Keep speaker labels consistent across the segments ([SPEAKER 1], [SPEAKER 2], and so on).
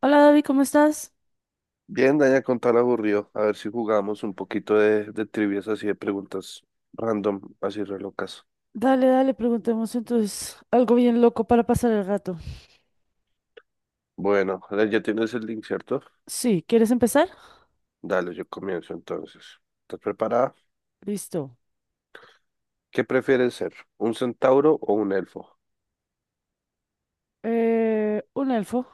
[SPEAKER 1] Hola David, ¿cómo estás?
[SPEAKER 2] Bien, Daña, con tal aburrido. A ver si jugamos un poquito de trivias así de preguntas random, así re locas.
[SPEAKER 1] Dale, dale, preguntemos entonces algo bien loco para pasar el rato.
[SPEAKER 2] Bueno, ahora ya tienes el link, ¿cierto?
[SPEAKER 1] Sí, ¿quieres empezar?
[SPEAKER 2] Dale, yo comienzo entonces. ¿Estás preparada?
[SPEAKER 1] Listo.
[SPEAKER 2] ¿Qué prefieres ser? ¿Un centauro o un elfo?
[SPEAKER 1] Un elfo.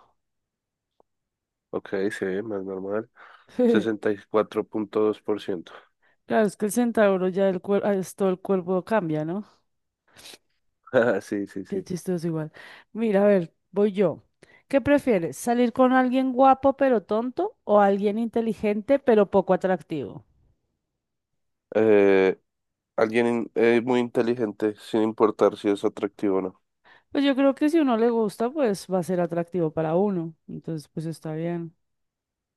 [SPEAKER 2] Ok, sí, más normal. 64.2%.
[SPEAKER 1] Claro, es que el centauro ya el cuerpo, todo el cuerpo cambia, ¿no?
[SPEAKER 2] Ah, sí, sí,
[SPEAKER 1] Qué
[SPEAKER 2] sí.
[SPEAKER 1] chistoso igual. Mira, a ver, voy yo. ¿Qué prefieres? ¿Salir con alguien guapo pero tonto o alguien inteligente pero poco atractivo?
[SPEAKER 2] Eh, Alguien muy inteligente, sin importar si es atractivo o no.
[SPEAKER 1] Pues yo creo que si uno le gusta, pues va a ser atractivo para uno. Entonces, pues está bien.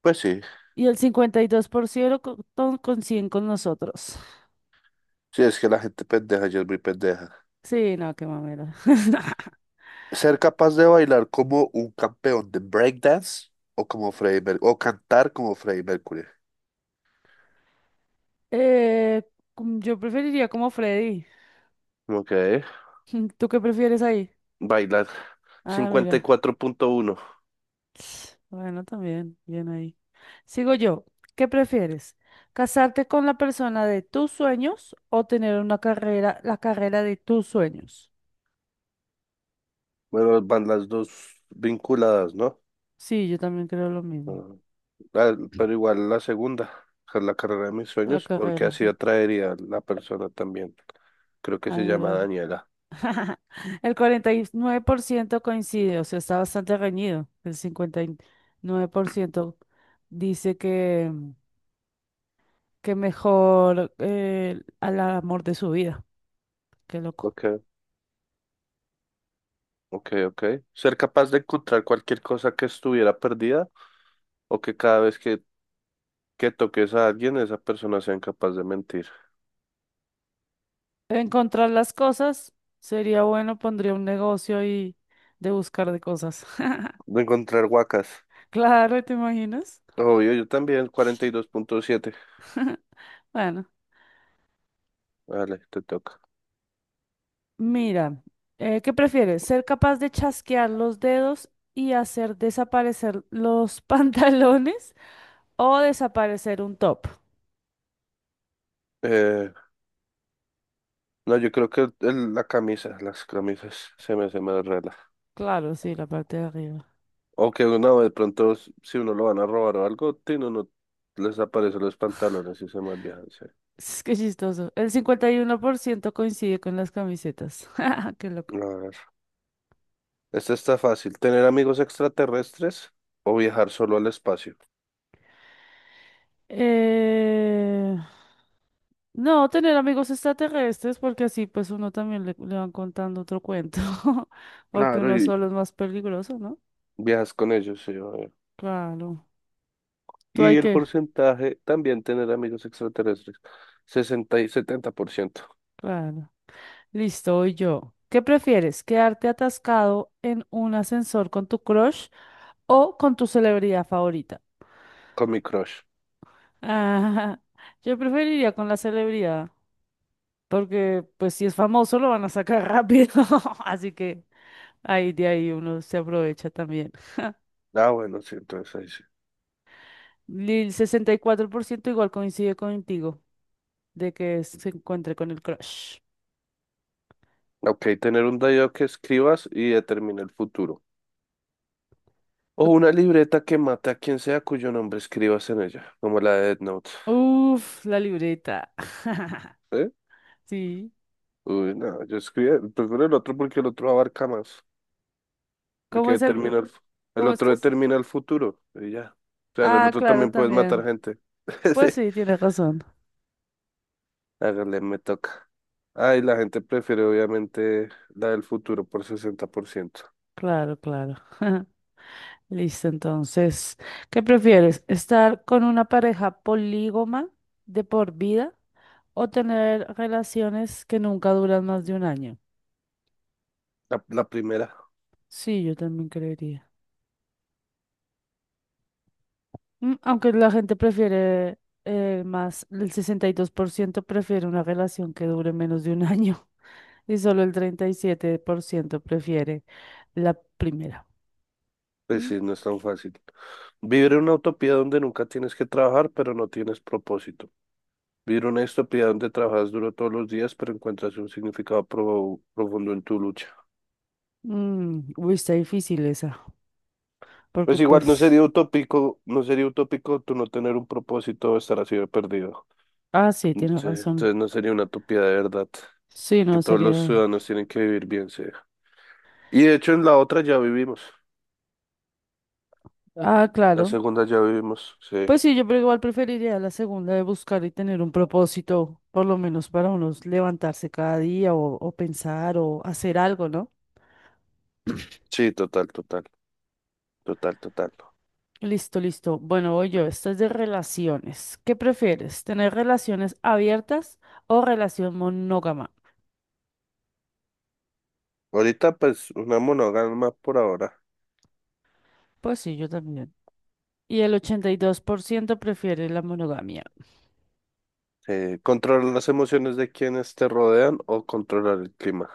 [SPEAKER 2] Pues sí,
[SPEAKER 1] Y el 52% con 100 con nosotros.
[SPEAKER 2] sí, es que la gente pendeja, yo es muy pendeja.
[SPEAKER 1] Sí, no, qué mamera.
[SPEAKER 2] Ser capaz de bailar como un campeón de breakdance o como Freddie Mercury, o cantar como Freddie Mercury.
[SPEAKER 1] Eh, yo preferiría como Freddy.
[SPEAKER 2] Ok,
[SPEAKER 1] ¿Tú qué prefieres ahí?
[SPEAKER 2] bailar.
[SPEAKER 1] Ah,
[SPEAKER 2] Cincuenta y
[SPEAKER 1] mira.
[SPEAKER 2] cuatro punto uno.
[SPEAKER 1] Bueno, también, bien ahí. Sigo yo. ¿Qué prefieres? ¿Casarte con la persona de tus sueños o tener una carrera, la carrera de tus sueños?
[SPEAKER 2] Bueno, van las dos vinculadas, ¿no?
[SPEAKER 1] Sí, yo también creo lo mismo.
[SPEAKER 2] Ah, pero igual la segunda, que es la carrera de mis
[SPEAKER 1] La
[SPEAKER 2] sueños, porque
[SPEAKER 1] carrera,
[SPEAKER 2] así
[SPEAKER 1] sí.
[SPEAKER 2] atraería a la persona también. Creo que
[SPEAKER 1] Ah,
[SPEAKER 2] se llama
[SPEAKER 1] mira.
[SPEAKER 2] Daniela.
[SPEAKER 1] El 49% coincide, o sea, está bastante reñido. El 59% dice que mejor al amor de su vida. Qué loco.
[SPEAKER 2] Ok, ok, ok. Ser capaz de encontrar cualquier cosa que estuviera perdida o que cada vez que toques a alguien, esa persona sea incapaz de mentir.
[SPEAKER 1] Encontrar las cosas sería bueno, pondría un negocio y de buscar de cosas.
[SPEAKER 2] De encontrar huacas.
[SPEAKER 1] Claro, ¿te imaginas?
[SPEAKER 2] Obvio, yo también, 42.7.
[SPEAKER 1] Bueno,
[SPEAKER 2] Vale, te toca.
[SPEAKER 1] mira, ¿qué prefieres? ¿Ser capaz de chasquear los dedos y hacer desaparecer los pantalones o desaparecer un top?
[SPEAKER 2] Eh, no, yo creo que la camisa, las camisas, se me rela.
[SPEAKER 1] Claro, sí, la parte de arriba.
[SPEAKER 2] O que uno de pronto, si uno lo van a robar o algo, tino, no les aparecen los pantalones y se malviajan, sí.
[SPEAKER 1] Es que chistoso. El 51% coincide con las camisetas. Qué
[SPEAKER 2] A
[SPEAKER 1] loco.
[SPEAKER 2] ver, esta está fácil. ¿Tener amigos extraterrestres o viajar solo al espacio?
[SPEAKER 1] Eh... No, tener amigos extraterrestres, porque así pues uno también le van contando otro cuento, porque
[SPEAKER 2] Claro,
[SPEAKER 1] uno
[SPEAKER 2] y
[SPEAKER 1] solo es más peligroso, ¿no?
[SPEAKER 2] viajas con ellos, sí, obvio.
[SPEAKER 1] Claro. ¿Tú
[SPEAKER 2] Y
[SPEAKER 1] hay
[SPEAKER 2] el
[SPEAKER 1] que?
[SPEAKER 2] porcentaje, también tener amigos extraterrestres, 60 y 70%
[SPEAKER 1] Claro. Listo, voy yo. ¿Qué prefieres? ¿Quedarte atascado en un ascensor con tu crush o con tu celebridad favorita?
[SPEAKER 2] con mi crush.
[SPEAKER 1] Ah, yo preferiría con la celebridad. Porque pues si es famoso lo van a sacar rápido. Así que ahí de ahí uno se aprovecha también.
[SPEAKER 2] Ah, bueno, sí, entonces ahí sí.
[SPEAKER 1] Y el 64% igual coincide contigo de que se encuentre con el crush.
[SPEAKER 2] Ok, tener un diario que escribas y determine el futuro. O
[SPEAKER 1] Ot-
[SPEAKER 2] una libreta que mate a quien sea cuyo nombre escribas en ella, como la de Death Note.
[SPEAKER 1] Uf, la libreta.
[SPEAKER 2] ¿Eh?
[SPEAKER 1] Sí.
[SPEAKER 2] Uy, no, yo escribí, prefiero el otro porque el otro abarca más,
[SPEAKER 1] ¿Cómo
[SPEAKER 2] porque
[SPEAKER 1] es el...
[SPEAKER 2] determina el
[SPEAKER 1] ¿Cómo es
[SPEAKER 2] otro
[SPEAKER 1] que es?
[SPEAKER 2] determina el futuro, y ya. O sea, en el
[SPEAKER 1] Ah,
[SPEAKER 2] otro
[SPEAKER 1] claro,
[SPEAKER 2] también puedes matar
[SPEAKER 1] también.
[SPEAKER 2] gente. Sí.
[SPEAKER 1] Pues sí, tienes razón.
[SPEAKER 2] Hágale, me toca. Ay, la gente prefiere obviamente la del futuro por 60%.
[SPEAKER 1] Claro, claro. Listo, entonces, ¿qué prefieres? ¿Estar con una pareja polígoma de por vida? O tener relaciones que nunca duran más de un año.
[SPEAKER 2] La primera,
[SPEAKER 1] Sí, yo también creería. Aunque la gente prefiere más, el 62% prefiere una relación que dure menos de un año y solo el 37% prefiere la primera.
[SPEAKER 2] pues
[SPEAKER 1] Mm,
[SPEAKER 2] sí, no es tan fácil. Vivir en una utopía donde nunca tienes que trabajar, pero no tienes propósito. Vivir una utopía donde trabajas duro todos los días, pero encuentras un significado profundo en tu lucha.
[SPEAKER 1] uy, está difícil esa, porque
[SPEAKER 2] Pues igual no
[SPEAKER 1] pues,
[SPEAKER 2] sería utópico, no sería utópico tú no tener un propósito o estar así de perdido.
[SPEAKER 1] ah, sí,
[SPEAKER 2] Mm,
[SPEAKER 1] tiene
[SPEAKER 2] sí,
[SPEAKER 1] razón.
[SPEAKER 2] entonces no sería una utopía de verdad,
[SPEAKER 1] Sí,
[SPEAKER 2] que
[SPEAKER 1] no,
[SPEAKER 2] todos los
[SPEAKER 1] sería...
[SPEAKER 2] ciudadanos tienen que vivir bien, sí. Y de hecho en la otra ya vivimos,
[SPEAKER 1] Ah,
[SPEAKER 2] la
[SPEAKER 1] claro,
[SPEAKER 2] segunda ya vivimos, sí.
[SPEAKER 1] pues sí, yo pero igual preferiría la segunda de buscar y tener un propósito, por lo menos para unos levantarse cada día o pensar o hacer algo, ¿no?
[SPEAKER 2] Sí, total, total, total, total.
[SPEAKER 1] Listo, listo. Bueno, voy yo, esto es de relaciones. ¿Qué prefieres? ¿Tener relaciones abiertas o relación monógama?
[SPEAKER 2] Ahorita pues una monógama por ahora.
[SPEAKER 1] Pues sí, yo también. Y el 82% prefiere la monogamia.
[SPEAKER 2] Controlar las emociones de quienes te rodean o controlar el clima.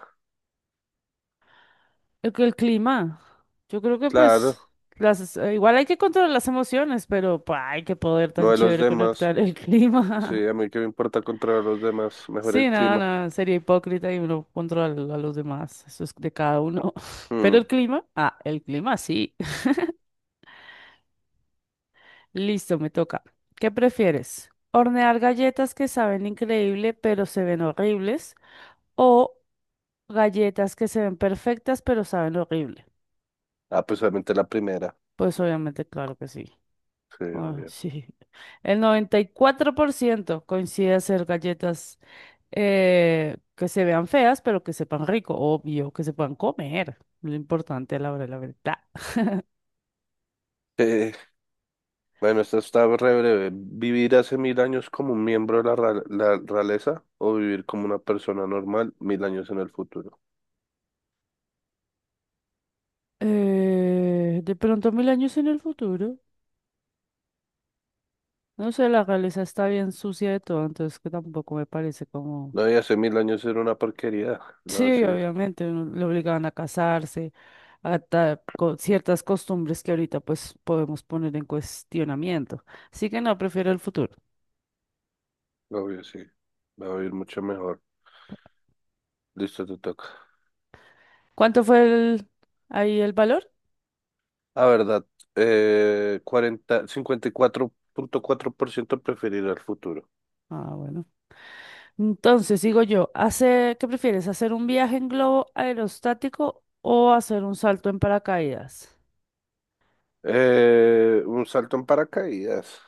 [SPEAKER 1] El clima. Yo creo que
[SPEAKER 2] Claro,
[SPEAKER 1] pues las, igual hay que controlar las emociones, pero pues, hay que poder
[SPEAKER 2] no
[SPEAKER 1] tan
[SPEAKER 2] de los
[SPEAKER 1] chévere
[SPEAKER 2] demás.
[SPEAKER 1] conectar el clima.
[SPEAKER 2] Sí, a mí que me importa controlar a los demás, mejor
[SPEAKER 1] Sí,
[SPEAKER 2] el
[SPEAKER 1] nada,
[SPEAKER 2] clima.
[SPEAKER 1] nada, sería hipócrita y no controlar a los demás. Eso es de cada uno. Pero el
[SPEAKER 2] Mm.
[SPEAKER 1] clima, ah, el clima sí. Listo, me toca. ¿Qué prefieres? ¿Hornear galletas que saben increíble pero se ven horribles? ¿O galletas que se ven perfectas pero saben horrible?
[SPEAKER 2] Ah, pues obviamente la primera.
[SPEAKER 1] Pues obviamente, claro que sí.
[SPEAKER 2] Sí,
[SPEAKER 1] Ah,
[SPEAKER 2] obvio.
[SPEAKER 1] sí. El 94% coincide hacer galletas que se vean feas, pero que sepan rico, obvio, que se puedan comer. Lo importante a la hora de la verdad.
[SPEAKER 2] Eh, bueno, esta está re breve. ¿Vivir hace mil años como un miembro de la realeza o vivir como una persona normal mil años en el futuro?
[SPEAKER 1] De pronto 1000 años en el futuro. No sé, la realeza está bien sucia de todo, entonces que tampoco me parece como...
[SPEAKER 2] No, y hace mil años era una porquería. No,
[SPEAKER 1] Sí,
[SPEAKER 2] sí,
[SPEAKER 1] obviamente, uno- le obligaban a casarse, ciertas costumbres que ahorita pues podemos poner en cuestionamiento. Así que no, prefiero el futuro.
[SPEAKER 2] obvio, sí. Va a vivir mucho mejor. Listo, te toca.
[SPEAKER 1] ¿Cuánto fue el, ahí el valor?
[SPEAKER 2] La verdad, cuarenta cincuenta y cuatro punto cuatro por ciento preferir el futuro.
[SPEAKER 1] Ah, bueno. Entonces, digo yo, hace, ¿qué prefieres? ¿Hacer un viaje en globo aerostático o hacer un salto en paracaídas?
[SPEAKER 2] Un salto en paracaídas.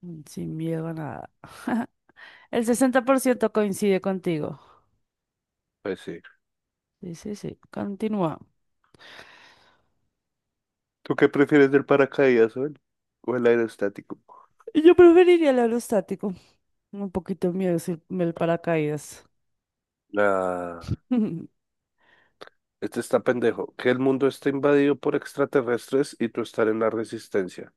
[SPEAKER 1] Sin miedo a nada. El 60% coincide contigo.
[SPEAKER 2] Pues sí.
[SPEAKER 1] Sí, sí, sí. Continúa.
[SPEAKER 2] ¿Tú qué prefieres del paracaídas o el aerostático?
[SPEAKER 1] Yo preferiría el aerostático. Un poquito miedo si el paracaídas.
[SPEAKER 2] La... Este está pendejo. Que el mundo esté invadido por extraterrestres y tú estar en la resistencia.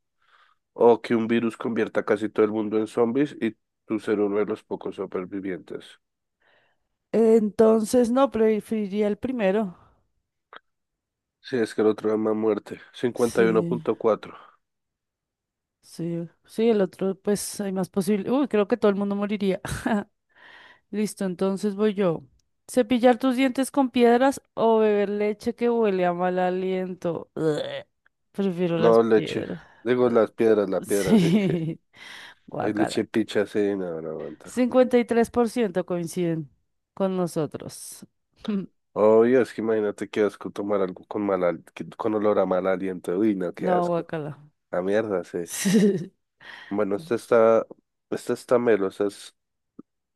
[SPEAKER 2] O que un virus convierta casi todo el mundo en zombies y tú ser uno de los pocos supervivientes.
[SPEAKER 1] Entonces, no, preferiría el primero.
[SPEAKER 2] Sí, es que el otro llama muerte. cincuenta y uno
[SPEAKER 1] Sí,
[SPEAKER 2] punto cuatro
[SPEAKER 1] sí, sí, el otro, pues hay más posible. Uy, creo que todo el mundo moriría. Listo, entonces voy yo. Cepillar tus dientes con piedras o beber leche que huele a mal aliento. Ugh. Prefiero las
[SPEAKER 2] No, leche.
[SPEAKER 1] piedras.
[SPEAKER 2] Digo
[SPEAKER 1] Ugh.
[SPEAKER 2] las piedras, la piedra, sí.
[SPEAKER 1] Sí,
[SPEAKER 2] Hay
[SPEAKER 1] guacala.
[SPEAKER 2] leche picha, sí, no aguanta.
[SPEAKER 1] 53% coinciden con nosotros.
[SPEAKER 2] Obvio, es que imagínate qué asco tomar algo con con olor a mal aliento. Uy, no, qué
[SPEAKER 1] No,
[SPEAKER 2] asco.
[SPEAKER 1] guacala.
[SPEAKER 2] La mierda, sí. Bueno, esta está melo,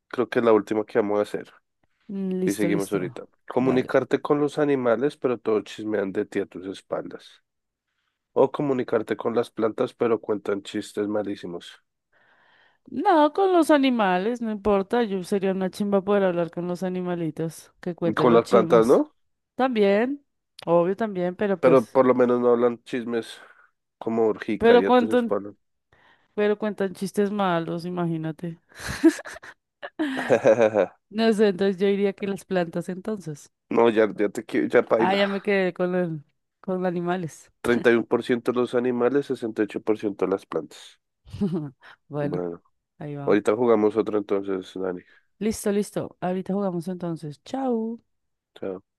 [SPEAKER 2] creo que es la última que vamos a hacer.
[SPEAKER 1] Mm.
[SPEAKER 2] Y
[SPEAKER 1] Listo,
[SPEAKER 2] seguimos
[SPEAKER 1] listo.
[SPEAKER 2] ahorita.
[SPEAKER 1] Dale.
[SPEAKER 2] Comunicarte con los animales, pero todos chismean de ti a tus espaldas. O comunicarte con las plantas, pero cuentan chistes malísimos.
[SPEAKER 1] No, con los animales, no importa. Yo sería una chimba poder hablar con los animalitos. Que cuente
[SPEAKER 2] Con
[SPEAKER 1] los
[SPEAKER 2] las plantas,
[SPEAKER 1] chimos.
[SPEAKER 2] ¿no?
[SPEAKER 1] También, obvio también, pero
[SPEAKER 2] Pero
[SPEAKER 1] pues.
[SPEAKER 2] por lo menos no hablan chismes. Como
[SPEAKER 1] Pero
[SPEAKER 2] urgicaria tus
[SPEAKER 1] cuentan,
[SPEAKER 2] espaldas.
[SPEAKER 1] pero cuentan chistes malos, imagínate. No sé, entonces yo diría que las plantas entonces.
[SPEAKER 2] No, ya, ya te quiero, ya
[SPEAKER 1] Ah,
[SPEAKER 2] paila.
[SPEAKER 1] ya me quedé con animales.
[SPEAKER 2] 31% los animales, 68% las plantas.
[SPEAKER 1] Bueno,
[SPEAKER 2] Bueno,
[SPEAKER 1] ahí va.
[SPEAKER 2] ahorita jugamos otro entonces, Dani.
[SPEAKER 1] Listo, listo. Ahorita jugamos entonces. Chao.
[SPEAKER 2] Chao.